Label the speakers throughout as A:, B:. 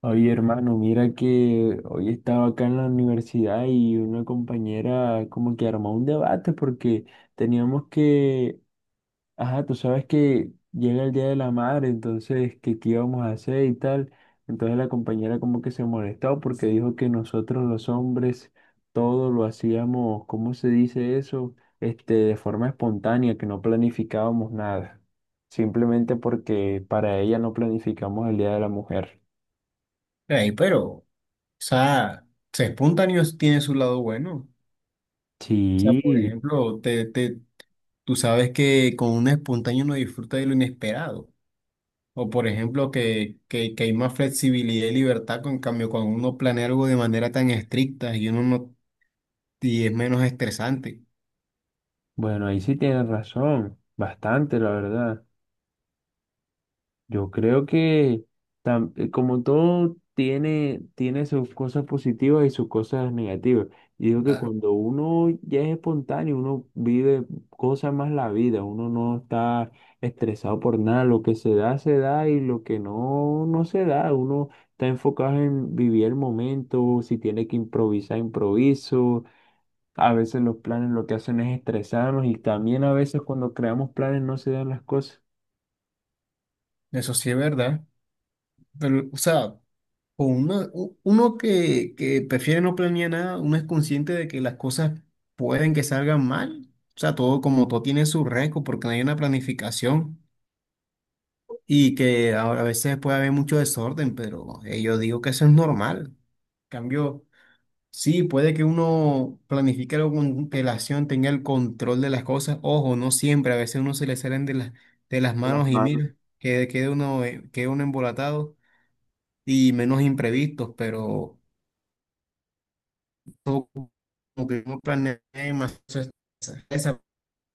A: Oye, hermano, mira que hoy estaba acá en la universidad y una compañera como que armó un debate porque teníamos que, ajá, tú sabes que llega el Día de la Madre, entonces, que qué íbamos a hacer y tal. Entonces la compañera como que se molestó porque dijo que nosotros los hombres todo lo hacíamos, ¿cómo se dice eso? Este, de forma espontánea, que no planificábamos nada, simplemente porque para ella no planificamos el Día de la Mujer.
B: Ey, pero, o sea, ser espontáneo tiene su lado bueno. O sea, por
A: Sí,
B: ejemplo, tú sabes que con un espontáneo uno disfruta de lo inesperado. O por ejemplo, que hay más flexibilidad y libertad, con en cambio, cuando uno planea algo de manera tan estricta y uno no, y es menos estresante.
A: bueno, ahí sí tienes razón, bastante, la verdad. Yo creo que como todo tiene sus cosas positivas y sus cosas negativas. Y digo que
B: Claro.
A: cuando uno ya es espontáneo, uno vive cosas más la vida, uno no está estresado por nada, lo que se da y lo que no, no se da, uno está enfocado en vivir el momento, si tiene que improvisar, improviso. A veces los planes lo que hacen es estresarnos y también a veces cuando creamos planes no se dan las cosas
B: Eso sí es verdad. Pero, o sea, uno que prefiere no planear nada, uno es consciente de que las cosas pueden que salgan mal. O sea, todo como todo tiene su riesgo porque no hay una planificación y que a veces puede haber mucho desorden, pero yo digo que eso es normal. Cambio, sí, puede que uno planifique algo con relación tenga el control de las cosas. Ojo, no siempre, a veces uno se le salen de las
A: de las
B: manos y
A: manos.
B: mira, que quede uno, queda uno embolatado y menos imprevistos, pero. No como que uno planea más esa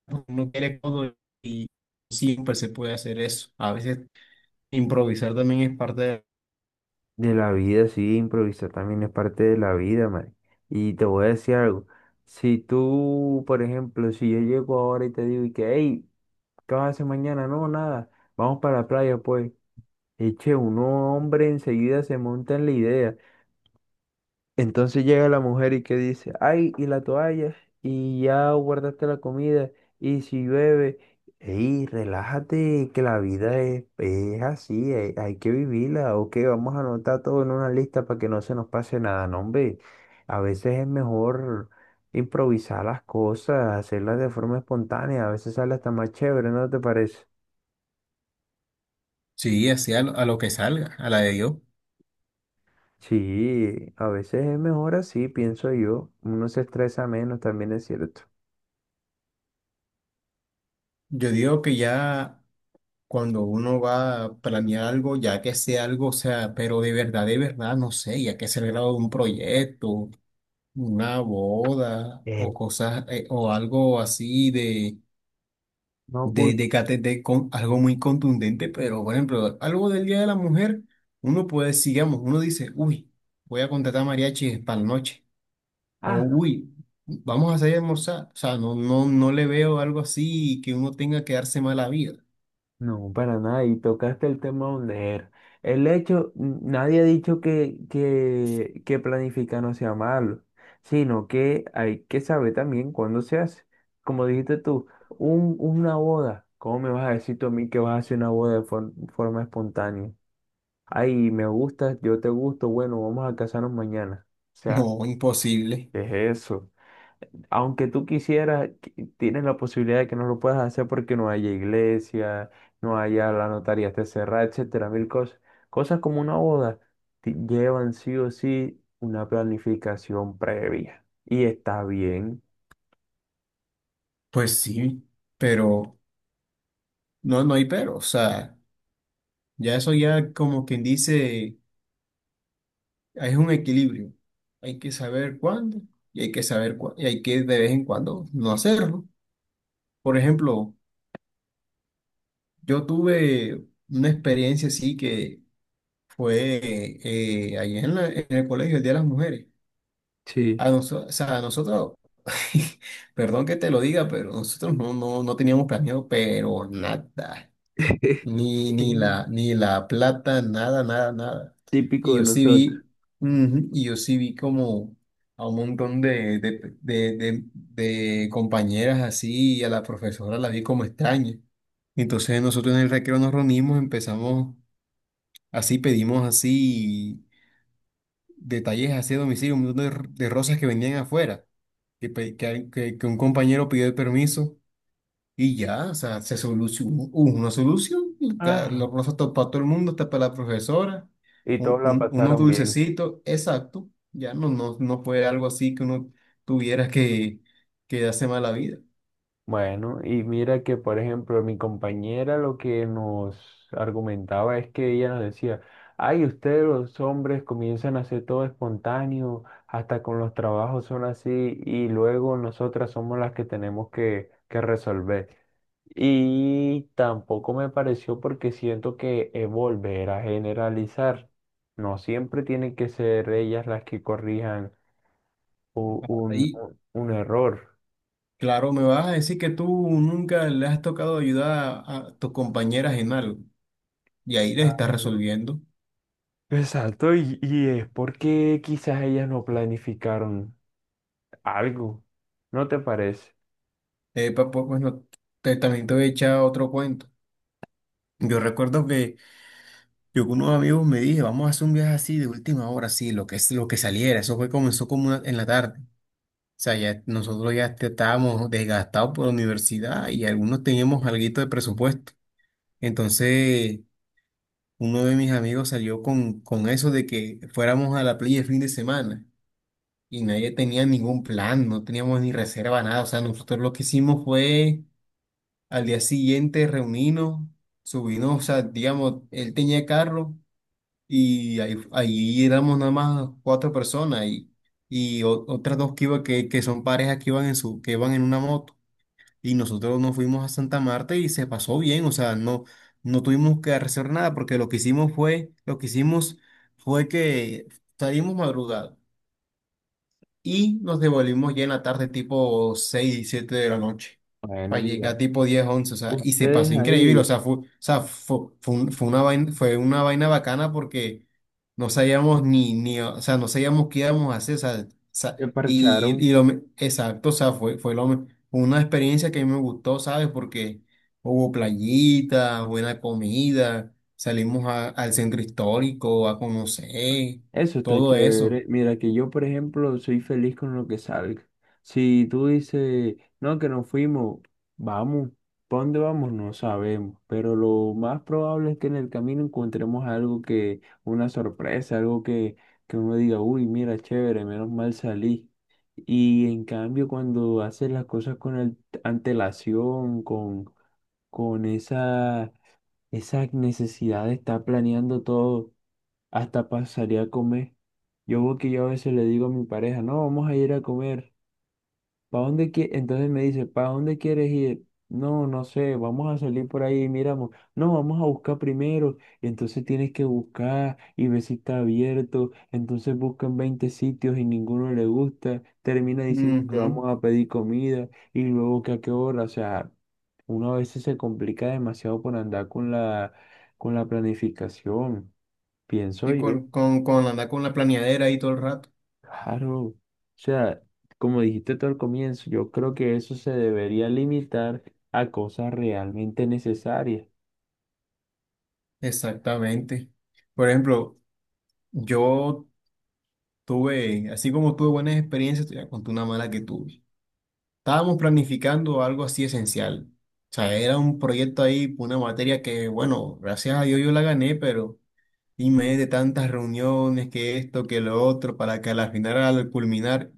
B: porque quiere todo y siempre se puede hacer eso. A veces improvisar también es parte de...
A: De la vida, sí, improvisar también es parte de la vida, man. Y te voy a decir algo. Si tú, por ejemplo, si yo llego ahora y te digo, y que, hey, ¿qué vas a hacer mañana? No, nada, vamos para la playa, pues. Eche, uno hombre enseguida se monta en la idea. Entonces llega la mujer y que dice, ay, y la toalla, y ya guardaste la comida, y si llueve, ey, relájate, que la vida es así, hay que vivirla, ok, vamos a anotar todo en una lista para que no se nos pase nada, no, hombre, a veces es mejor improvisar las cosas, hacerlas de forma espontánea, a veces sale hasta más chévere, ¿no te parece?
B: Sí, así a lo que salga, a la de Dios.
A: Sí, a veces es mejor así, pienso yo, uno se estresa menos, también es cierto.
B: Yo digo que ya cuando uno va a planear algo, ya que sea algo, o sea, pero de verdad, no sé, ya que sea el grado de un proyecto, una boda
A: Eh,
B: o cosas, o algo así de
A: no,
B: de KTT con algo muy contundente, pero por ejemplo, algo del Día de la Mujer, uno puede, decir, digamos uno dice, uy, voy a contratar mariachis para la noche, o
A: ah,
B: uy, vamos a salir a almorzar, o sea, no le veo algo así que uno tenga que darse mala vida.
A: no, para nada. Y tocaste el tema donde era. El hecho, nadie ha dicho que, que planificar no sea malo, sino que hay que saber también cuándo se hace. Como dijiste tú, una boda. ¿Cómo me vas a decir tú a mí que vas a hacer una boda de forma espontánea? Ay, me gustas, yo te gusto, bueno, vamos a casarnos mañana. O sea,
B: No, imposible.
A: ¿qué es eso? Aunque tú quisieras, tienes la posibilidad de que no lo puedas hacer porque no haya iglesia, no haya la notaría esté cerrada, etcétera, mil cosas. Cosas como una boda llevan sí o sí una planificación previa. Y está bien.
B: Pues sí, pero no, no hay pero, o sea, ya eso ya como quien dice, es un equilibrio. Hay que saber cuándo y hay que de vez en cuando no hacerlo. Por ejemplo, yo tuve una experiencia así que fue ahí en, en el colegio, el Día de las Mujeres.
A: Sí.
B: A nosotros, o sea, a nosotros, perdón que te lo diga, pero nosotros no teníamos planeado, pero nada.
A: Mm.
B: Ni la plata, nada, nada, nada. Y
A: Típico de
B: yo sí
A: nosotros.
B: vi, ujú, y yo sí vi como a un montón de compañeras así, y a la profesora la vi como extraña. Entonces nosotros en el recreo nos reunimos, empezamos así, pedimos así detalles así a domicilio, un montón de rosas que vendían afuera, que, pe- que un compañero pidió el permiso. Y ya, o sea, se solucionó, hubo una solución, y
A: Ajá.
B: los rosas para todo el mundo, hasta para la profesora,
A: Y todos la
B: unos
A: pasaron bien.
B: dulcecitos, exacto, ya no fue algo así que uno tuviera que darse mala vida.
A: Bueno, y mira que, por ejemplo, mi compañera lo que nos argumentaba es que ella nos decía, ay, ustedes los hombres comienzan a hacer todo espontáneo, hasta con los trabajos son así, y luego nosotras somos las que tenemos que resolver. Y tampoco me pareció porque siento que es volver a generalizar. No siempre tienen que ser ellas las que corrijan u- un,
B: Y
A: un, un error.
B: claro, me vas a decir que tú nunca le has tocado ayudar a tus compañeras en algo, y ahí les estás
A: Claro.
B: resolviendo.
A: Exacto, y es porque quizás ellas no planificaron algo, ¿no te parece?
B: Pues, bueno, también te voy a echar otro cuento. Yo recuerdo que yo con unos amigos me dije, vamos a hacer un viaje así de última hora, sí, lo que es lo que saliera. Eso fue, comenzó como en la tarde. O sea, ya nosotros ya estábamos desgastados por la universidad y algunos teníamos alguito de presupuesto. Entonces, uno de mis amigos salió con eso de que fuéramos a la playa el fin de semana y nadie tenía ningún plan, no teníamos ni reserva, nada. O sea, nosotros lo que hicimos fue al día siguiente reunirnos, subirnos, o sea, digamos, él tenía carro. Y ahí, ahí éramos nada más cuatro personas y otras dos que, iba, que son parejas que iban en su, que iban en una moto. Y nosotros nos fuimos a Santa Marta y se pasó bien. O sea, no, no tuvimos que hacer nada porque lo que hicimos fue, lo que hicimos fue que salimos madrugados y nos devolvimos ya en la tarde tipo 6 7 de la noche,
A: Bueno,
B: para
A: mira,
B: llegar tipo 10 11 o sea, y se pasó
A: ustedes
B: increíble,
A: ahí
B: o sea, fue, fue una vaina bacana porque no sabíamos ni, ni, o sea, no sabíamos qué íbamos a hacer, o sea,
A: se parcharon.
B: y exacto, o sea, fue, una experiencia que a mí me gustó, ¿sabes? Porque hubo playita, buena comida, salimos al centro histórico a conocer,
A: Eso está
B: todo eso.
A: chévere. Mira que yo, por ejemplo, soy feliz con lo que salga. Si tú dices, no, que nos fuimos, vamos. ¿Para dónde vamos? No sabemos. Pero lo más probable es que en el camino encontremos algo que, una sorpresa, algo que uno diga, uy, mira, chévere, menos mal salí. Y en cambio, cuando haces las cosas con antelación, con esa necesidad de estar planeando todo hasta pasaría a comer. Yo veo que yo a veces le digo a mi pareja, no, vamos a ir a comer. ¿Para dónde quie-? Entonces me dice, ¿para dónde quieres ir? No, no sé, vamos a salir por ahí y miramos. No, vamos a buscar primero. Y entonces tienes que buscar y ver si está abierto. Entonces buscan 20 sitios y ninguno le gusta. Termina diciendo que
B: Ujú.
A: vamos a pedir comida y luego que a qué hora. O sea, uno a veces se complica demasiado por andar con la planificación, pienso
B: Sí,
A: yo.
B: con andar con la planeadera ahí todo el rato.
A: Claro, o sea, como dijiste tú al comienzo, yo creo que eso se debería limitar a cosas realmente necesarias.
B: Exactamente. Por ejemplo, yo tuve, así como tuve buenas experiencias, te voy a contar una mala que tuve. Estábamos planificando algo así esencial. O sea, era un proyecto ahí, una materia que, bueno, gracias a Dios yo la gané, pero y me de tantas reuniones, que esto, que lo otro, para que al final, al culminar,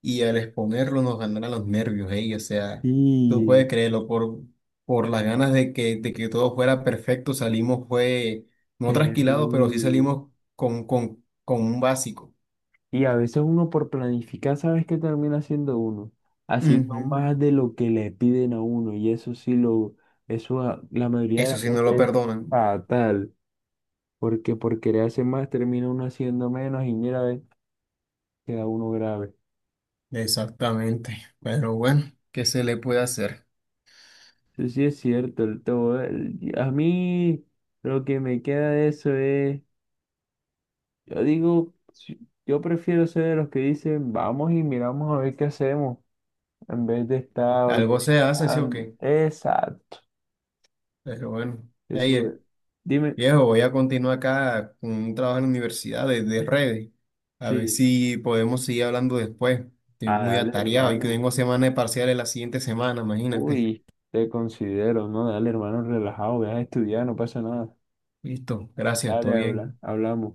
B: y al exponerlo nos ganará los nervios, ey, o sea, tú puedes
A: Y
B: creerlo, por las ganas de que todo fuera perfecto, salimos, fue, no trasquilado, pero sí
A: terrible.
B: salimos con, con un básico.
A: Y a veces uno por planificar, ¿sabes qué termina haciendo uno? Haciendo
B: Ujú.
A: más de lo que le piden a uno. Y eso sí lo, eso la mayoría de
B: Eso
A: las
B: sí no lo
A: veces es
B: perdonan.
A: fatal. Porque por querer hacer más termina uno haciendo menos y mira, ve, queda uno grave.
B: Exactamente. Pero bueno, ¿qué se le puede hacer?
A: Eso sí es cierto, el todo. A mí lo que me queda de eso es, yo digo, yo prefiero ser de los que dicen, vamos y miramos a ver qué hacemos, en vez de estar
B: Algo se hace, sí o
A: organizando.
B: qué.
A: Exacto.
B: Pero bueno,
A: Yo sí, voy.
B: ey,
A: Dime,
B: viejo, voy a continuar acá con un trabajo en la universidad de redes. A ver
A: sí,
B: si podemos seguir hablando después. Estoy
A: a
B: muy
A: dale,
B: atareado y que
A: hermano.
B: tengo semana de parciales la siguiente semana, imagínate.
A: Uy, te considero, no, dale, hermano, relajado, ve a estudiar, no pasa nada.
B: Listo, gracias, todo
A: Dale, habla,
B: bien.
A: hablamos.